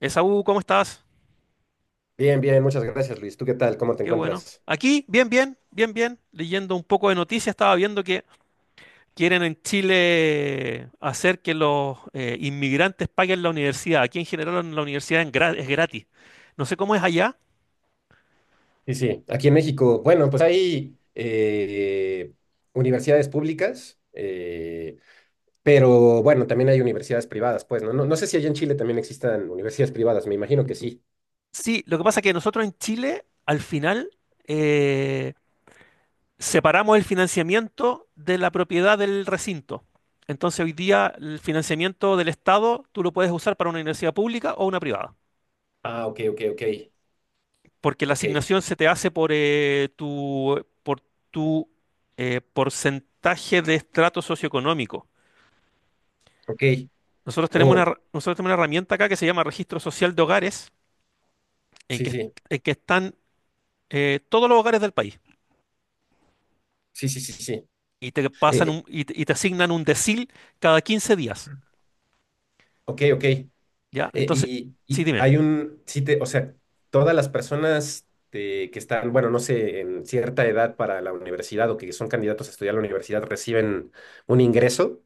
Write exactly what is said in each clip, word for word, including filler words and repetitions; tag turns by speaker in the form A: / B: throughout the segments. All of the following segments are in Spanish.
A: Esaú, ¿cómo estás?
B: Bien, bien, muchas gracias, Luis. ¿Tú qué tal? ¿Cómo te
A: Qué bueno.
B: encuentras?
A: Aquí, bien, bien, bien, bien. Leyendo un poco de noticias, estaba viendo que quieren en Chile hacer que los eh, inmigrantes paguen la universidad. Aquí en general en la universidad en gra- es gratis. No sé cómo es allá.
B: Sí, sí, aquí en México, bueno, pues hay eh, universidades públicas, eh, pero bueno, también hay universidades privadas, pues, ¿no? No, no sé si allá en Chile también existan universidades privadas, me imagino que sí.
A: Sí, lo que pasa es que nosotros en Chile, al final, eh, separamos el financiamiento de la propiedad del recinto. Entonces, hoy día el financiamiento del Estado tú lo puedes usar para una universidad pública o una privada,
B: Ah, ok, ok, ok,
A: porque la
B: ok,
A: asignación se te hace por eh, tu, por tu eh, porcentaje de estrato socioeconómico.
B: ok.
A: Nosotros tenemos una,
B: Oh,
A: her- nosotros tenemos una herramienta acá que se llama Registro Social de Hogares, en
B: sí,
A: que,
B: sí,
A: en que están eh, todos los hogares del país
B: sí, sí, sí, sí.
A: y te pasan
B: Eh,
A: un- y, te y te asignan un decil cada quince días,
B: ok, ok. Eh,
A: ¿ya? Entonces,
B: y,
A: sí,
B: y
A: dime.
B: hay un, sí te, o sea, todas las personas de- que están, bueno, no sé, en cierta edad para la universidad o que son candidatos a estudiar la universidad reciben un ingreso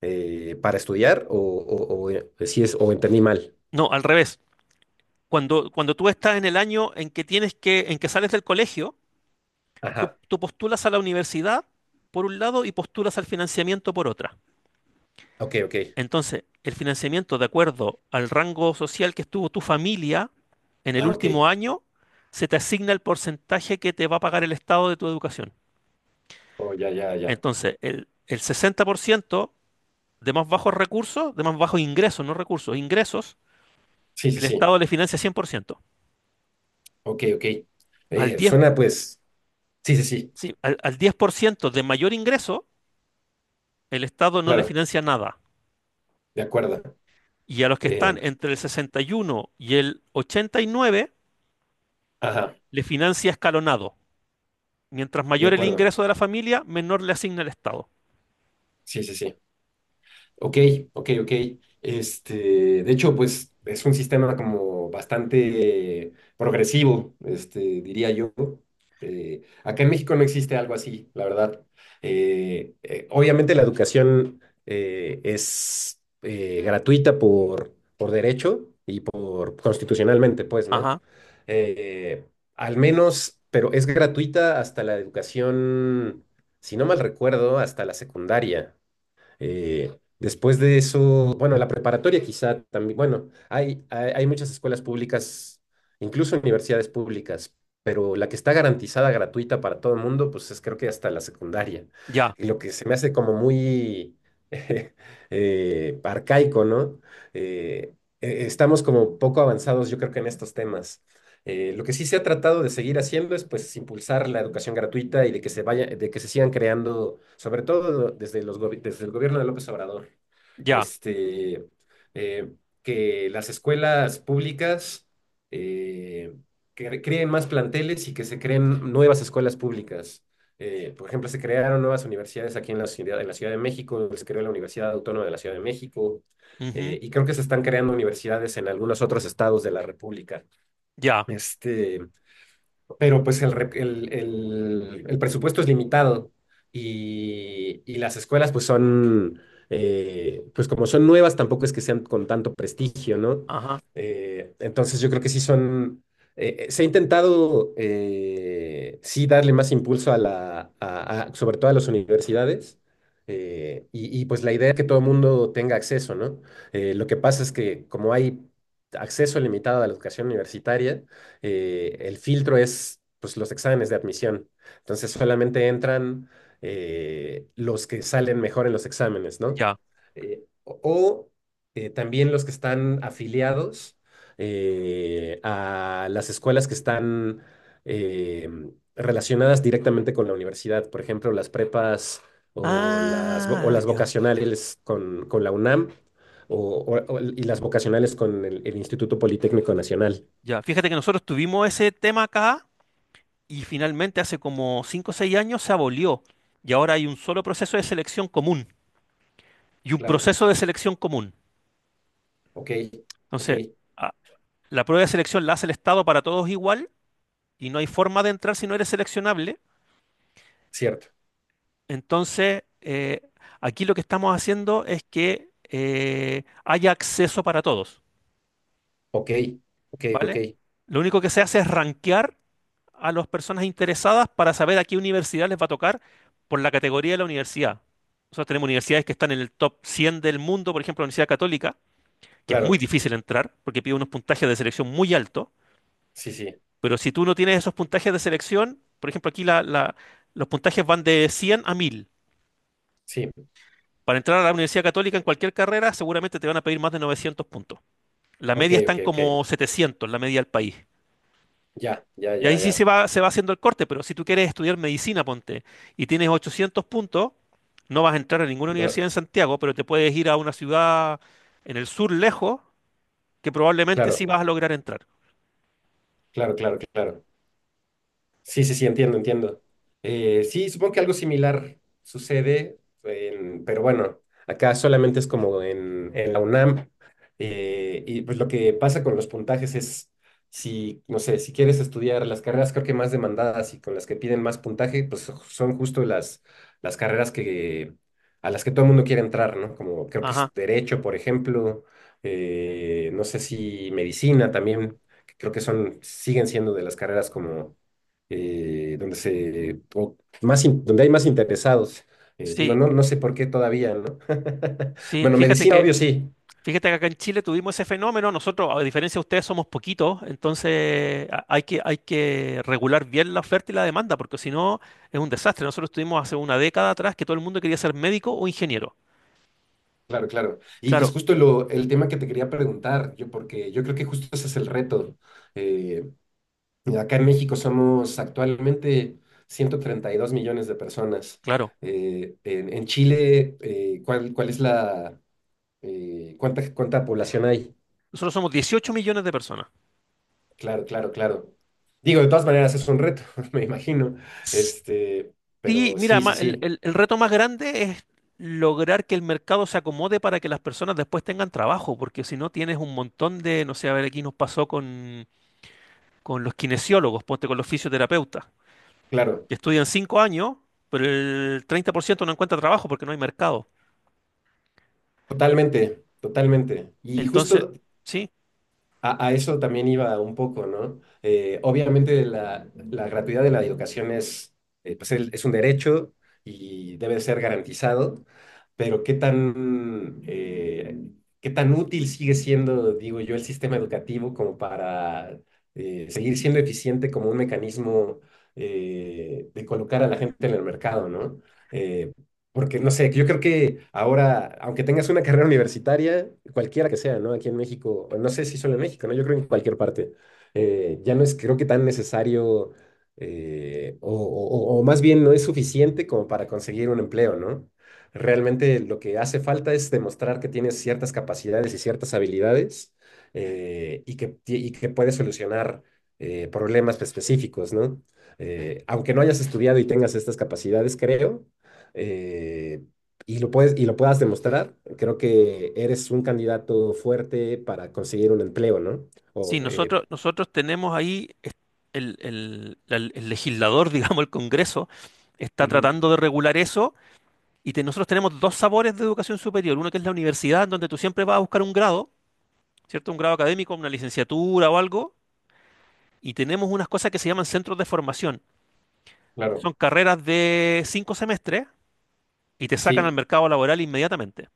B: eh, para estudiar o, o, o, eh, si es, o entendí mal.
A: No, al revés. Cuando, cuando tú estás en el año en que tienes que, en que sales del colegio, tú,
B: Ajá,
A: tú postulas a la universidad por un lado y postulas al financiamiento por otra.
B: ok, ok.
A: Entonces, el financiamiento de acuerdo al rango social que estuvo tu familia en el
B: Ah, ok.
A: último año, se te asigna el porcentaje que te va a pagar el Estado de tu educación.
B: Oh, ya, ya, ya.
A: Entonces, el, el sesenta por ciento de más bajos recursos, de más bajos ingresos, no recursos, ingresos,
B: Sí, sí,
A: el
B: sí.
A: Estado le financia cien por ciento.
B: Ok, ok.
A: Al
B: Eh,
A: diez,
B: suena pues. Sí, sí, sí,
A: sí, al, al diez por ciento de mayor ingreso, el Estado no le
B: claro,
A: financia nada.
B: de acuerdo.
A: Y a los que
B: Eh,
A: están entre el sesenta y uno y uno y el ochenta y nueve,
B: ajá,
A: le financia escalonado. Mientras
B: de
A: mayor el
B: acuerdo.
A: ingreso de la familia, menor le asigna el Estado.
B: Sí, sí, sí. Ok, ok, ok. Este, de hecho, pues es un sistema como bastante progresivo, este, diría yo. Eh, acá en México no existe algo así, la verdad. Eh, eh, obviamente la educación eh, es eh, gratuita por, por derecho y por constitucionalmente, pues, ¿no?
A: Ajá,
B: Eh, al menos, pero es gratuita hasta la educación, si no mal recuerdo, hasta la secundaria. Eh, después de eso, bueno, la preparatoria quizá también, bueno, hay, hay, hay muchas escuelas públicas, incluso universidades públicas, pero la que está garantizada gratuita para todo el mundo, pues es creo que hasta la secundaria.
A: ya,
B: Y lo que se me hace como muy eh, arcaico, ¿no? Eh, eh, estamos como poco avanzados, yo creo que en estos temas. Eh, lo que sí se ha tratado de seguir haciendo es pues impulsar la educación gratuita y de que se vaya, de que se sigan creando, sobre todo desde los gobi- desde el gobierno de López Obrador,
A: ya,
B: este, eh, que las escuelas públicas eh, que creen más planteles y que se creen nuevas escuelas públicas. Eh, por ejemplo, se crearon nuevas universidades aquí en la ciudad, en la Ciudad de México, se creó la Universidad Autónoma de la Ciudad de México,
A: ujú,
B: eh, y creo que se están creando universidades en algunos otros estados de la República.
A: ya,
B: Este, pero pues el, re- el, el- el presupuesto es limitado y, y las escuelas pues son, eh, pues como son nuevas, tampoco es que sean con tanto prestigio, ¿no?
A: ajá,
B: Eh, entonces yo creo que sí son, eh, eh, se ha intentado eh, sí darle más impulso a la, a- a- sobre todo a las universidades. eh, y, y, pues la idea es que todo el mundo tenga acceso, ¿no? Eh, lo que pasa es que como hay acceso limitado a la educación universitaria, eh, el filtro es, pues, los exámenes de admisión. Entonces solamente entran eh, los que salen mejor en los exámenes, ¿no?
A: ya.
B: Eh, o o, eh, también los que están afiliados eh, a las escuelas que están eh, relacionadas directamente con la universidad, por ejemplo, las prepas o las, vo- o
A: Ah,
B: las
A: ya,
B: vocacionales con, con la UNAM o, o- o- y las vocacionales con el el Instituto Politécnico Nacional.
A: ya. Fíjate que nosotros tuvimos ese tema acá y finalmente hace como cinco o seis años se abolió. Y ahora hay un solo proceso de selección común y un
B: Claro.
A: proceso de selección común.
B: Ok, ok,
A: Entonces, a- la prueba de selección la hace el Estado para todos igual y no hay forma de entrar si no eres seleccionable.
B: cierto.
A: Entonces, eh, aquí lo que estamos haciendo es que eh, haya acceso para todos,
B: Ok, ok, ok.
A: ¿vale? Lo único que se hace es rankear a las personas interesadas para saber a qué universidad les va a tocar por la categoría de la universidad. Nosotros tenemos universidades que están en el top cien del mundo, por ejemplo, la Universidad Católica, que es muy
B: Claro,
A: difícil entrar porque pide unos puntajes de selección muy altos,
B: sí, sí,
A: pero si tú no tienes esos puntajes de selección, por ejemplo, aquí la- la- los puntajes van de cien a mil.
B: sí.
A: Para entrar a la Universidad Católica en cualquier carrera, seguramente te van a pedir más de novecientos puntos. La
B: Ok,
A: media
B: ok,
A: están como
B: ok.
A: setecientos, la media del país.
B: Ya, ya,
A: Y
B: ya,
A: ahí sí
B: ya.
A: se va, se va haciendo el corte, pero si tú quieres estudiar medicina, ponte, y tienes ochocientos puntos, no vas a entrar a ninguna
B: Va-
A: universidad en Santiago, pero te puedes ir a una ciudad en el sur lejos, que probablemente sí
B: Claro,
A: vas a lograr entrar.
B: claro, claro, claro. Sí, sí, sí, entiendo, entiendo. Eh, sí, supongo que algo similar sucede, en- pero bueno, acá solamente es como en, en la UNAM. eh, y pues lo que pasa con los puntajes es, si, no sé, si quieres estudiar las carreras creo que más demandadas y con las que piden más puntaje, pues son justo las, las carreras que, a las que todo el mundo quiere entrar, ¿no? Como creo que es
A: Ajá,
B: derecho, por ejemplo, eh, no sé si medicina también, que creo que son, siguen siendo de las carreras como eh, donde se, o más in- donde hay más interesados. Eh, digo,
A: sí,
B: no, no sé por qué todavía, ¿no?
A: sí.
B: Bueno,
A: Fíjate
B: medicina,
A: que
B: obvio, sí.
A: Fíjate que acá en Chile tuvimos ese fenómeno. Nosotros, a diferencia de ustedes, somos poquitos, entonces a- hay que, hay que regular bien la oferta y la demanda, porque si no es un desastre. Nosotros tuvimos hace una década atrás que todo el mundo quería ser médico o ingeniero.
B: Claro, claro. Y es
A: Claro,
B: justo lo, el tema que te quería preguntar, yo, porque yo creo que justo ese es el reto. Eh, acá en México somos actualmente ciento treinta y dos millones de personas.
A: claro.
B: Eh, en, en Chile, eh, ¿cuál, cuál es la, eh, cuánta, cuánta población hay?
A: Nosotros somos dieciocho millones de personas.
B: Claro, claro, claro. Digo, de todas maneras es un reto, me imagino. Este,
A: Sí,
B: pero
A: mira,
B: sí, sí,
A: ma- el,
B: sí,
A: el- el reto más grande es lograr que el mercado se acomode para que las personas después tengan trabajo, porque si no tienes un montón de, no sé, a ver, aquí nos pasó con, con los kinesiólogos, ponte con los fisioterapeutas.
B: claro,
A: Estudian cinco años, pero el treinta por ciento no encuentra trabajo porque no hay mercado.
B: totalmente, totalmente. Y
A: Entonces,
B: justo
A: sí,
B: A, a eso también iba un poco, ¿no? Eh, obviamente la, la gratuidad de la educación es, eh, pues el- es un derecho y debe ser garantizado, pero ¿qué tan, eh, qué tan útil sigue siendo, digo yo, el sistema educativo como para eh, seguir siendo eficiente como un mecanismo eh, de colocar a la gente en el mercado, ¿no? Eh, porque, no sé, yo creo que ahora, aunque tengas una carrera universitaria, cualquiera que sea, ¿no? Aquí en México, o no sé si solo en México, ¿no? Yo creo que en cualquier parte, eh, ya no es, creo que, tan necesario, eh, o, o- o- o más bien no es suficiente como para conseguir un empleo, ¿no? Realmente lo que hace falta es demostrar que tienes ciertas capacidades y ciertas habilidades, eh, y que, ti- y que puedes solucionar eh, problemas específicos, ¿no? Eh, aunque no hayas estudiado y tengas estas capacidades, creo, eh, y lo puedes, y lo puedas demostrar, creo que eres un candidato fuerte para conseguir un empleo, ¿no?
A: sí,
B: O, eh,
A: nosotros, nosotros tenemos ahí es- el, el- la- el legislador, digamos, el Congreso, está
B: Ujú,
A: tratando de regular eso y te- nosotros tenemos dos sabores de educación superior. Uno que es la universidad, en donde tú siempre vas a buscar un grado, ¿cierto? Un grado académico, una licenciatura o algo. Y tenemos unas cosas que se llaman centros de formación.
B: claro,
A: Son carreras de cinco semestres y te sacan al
B: sí,
A: mercado laboral inmediatamente.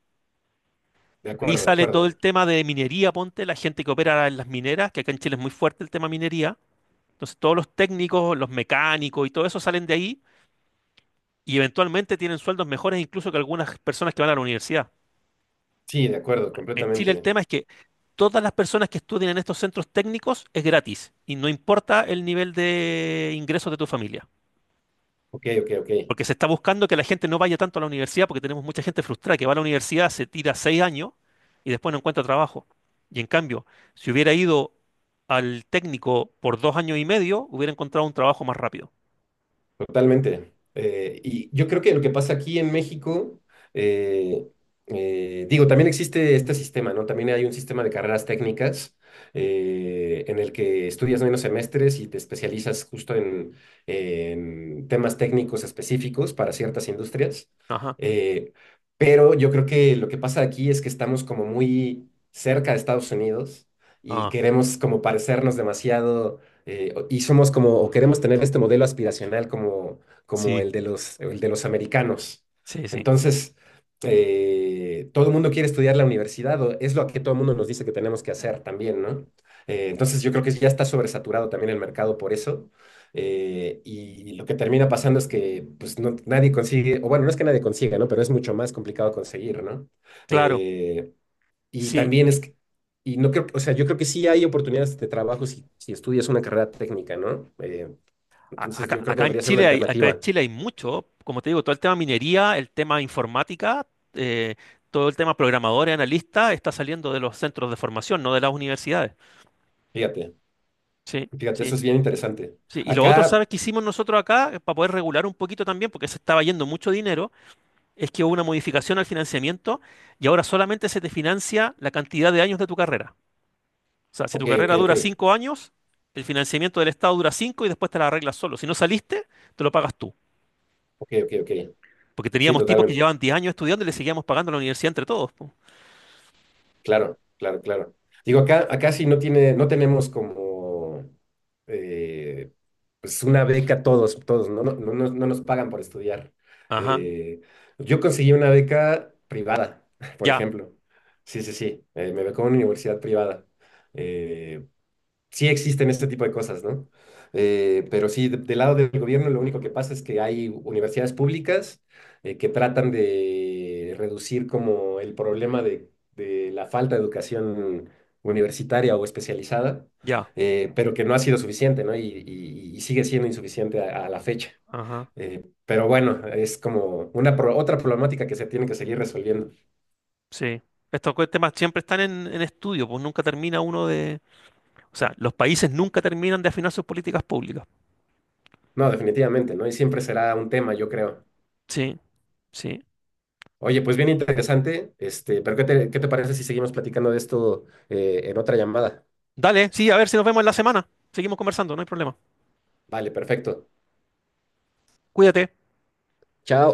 B: de
A: Ahí
B: acuerdo, de
A: sale todo
B: acuerdo.
A: el tema de minería, ponte, la gente que opera en las mineras, que acá en Chile es muy fuerte el tema minería. Entonces todos los técnicos, los mecánicos y todo eso salen de ahí y eventualmente tienen sueldos mejores incluso que algunas personas que van a la universidad.
B: Sí, de acuerdo,
A: En Chile el
B: completamente.
A: tema es que todas las personas que estudian en estos centros técnicos es gratis y no importa el nivel de ingresos de tu familia.
B: Ok, ok, ok.
A: Porque se está buscando que la gente no vaya tanto a la universidad, porque tenemos mucha gente frustrada que va a la universidad, se tira seis años y después no encuentra trabajo. Y en cambio, si hubiera ido al técnico por dos años y medio, hubiera encontrado un trabajo más rápido.
B: Totalmente. Eh, y yo creo que lo que pasa aquí en México, eh, eh, digo, también existe este sistema, ¿no? También hay un sistema de carreras técnicas eh, en el que estudias menos semestres y te especializas justo en, en temas técnicos específicos para ciertas industrias.
A: Ajá.
B: Eh, pero yo creo que lo que pasa aquí es que estamos como muy cerca de Estados Unidos y
A: Ah,
B: queremos como parecernos demasiado eh, o- y somos como, o queremos tener este modelo aspiracional como, como
A: sí,
B: el de los, el de los americanos.
A: sí, sí.
B: Entonces, eh, todo el mundo quiere estudiar la universidad, o es lo que todo el mundo nos dice que tenemos que hacer también, ¿no? Eh, entonces, yo creo que ya está sobresaturado también el mercado por eso. eh, y lo que termina pasando es que, pues, no- nadie consigue, o bueno, no es que nadie consiga, ¿no? Pero es mucho más complicado conseguir, ¿no?
A: Claro,
B: Eh, y
A: sí.
B: también es, que- y no creo, o sea, yo creo que sí hay oportunidades de trabajo si, si estudias una carrera técnica, ¿no? Eh,
A: A-
B: entonces yo
A: Acá,
B: creo que
A: acá en
B: debería ser una
A: Chile hay, acá en
B: alternativa.
A: Chile hay mucho, como te digo, todo el tema minería, el tema informática, eh, todo el tema programadores, analistas, está saliendo de los centros de formación, no de las universidades.
B: Fíjate,
A: Sí,
B: fíjate, eso
A: sí.
B: es bien interesante.
A: Sí, y lo otro,
B: Acá,
A: ¿sabes qué hicimos nosotros acá eh, para poder regular un poquito también, porque se estaba yendo mucho dinero? Es que hubo una modificación al financiamiento y ahora solamente se te financia la cantidad de años de tu carrera. O sea, si
B: ok,
A: tu
B: ok,
A: carrera
B: ok,
A: dura cinco años, el financiamiento del Estado dura cinco y después te la arreglas solo. Si no saliste, te lo pagas tú.
B: ok, ok, ok.
A: Porque
B: Sí,
A: teníamos tipos que
B: totalmente.
A: llevaban diez años estudiando y le seguíamos pagando a la universidad entre todos. Po.
B: Claro, claro, claro. Digo, acá, acá sí no tiene, no tenemos como eh, pues una beca todos, todos, no, no, no, nos no nos pagan por estudiar.
A: Ajá,
B: Eh, yo conseguí una beca privada, por
A: ya,
B: ejemplo. Sí, sí, sí. eh, me becó en una universidad privada. Eh, sí existen este tipo de cosas, ¿no? Eh, pero sí, de- del lado del gobierno lo único que pasa es que hay universidades públicas eh, que tratan de reducir como el problema de, de la falta de educación universitaria o especializada,
A: ya,
B: eh, pero que no ha sido suficiente, ¿no? Y, y- y sigue siendo insuficiente a, a la fecha.
A: ajá,
B: Eh, pero bueno, es como una pro- otra problemática que se tiene que seguir resolviendo.
A: sí. Estos co- temas siempre están en, en estudio, pues nunca termina uno de... O sea, los países nunca terminan de afinar sus políticas públicas.
B: No, definitivamente, ¿no? Y siempre será un tema, yo creo.
A: Sí, sí.
B: Oye, pues bien interesante, este, pero ¿qué te, qué te parece si seguimos platicando de esto eh, en otra llamada?
A: Dale, sí, a ver si nos vemos en la semana. Seguimos conversando, no hay problema.
B: Vale, perfecto.
A: Cuídate.
B: Chao.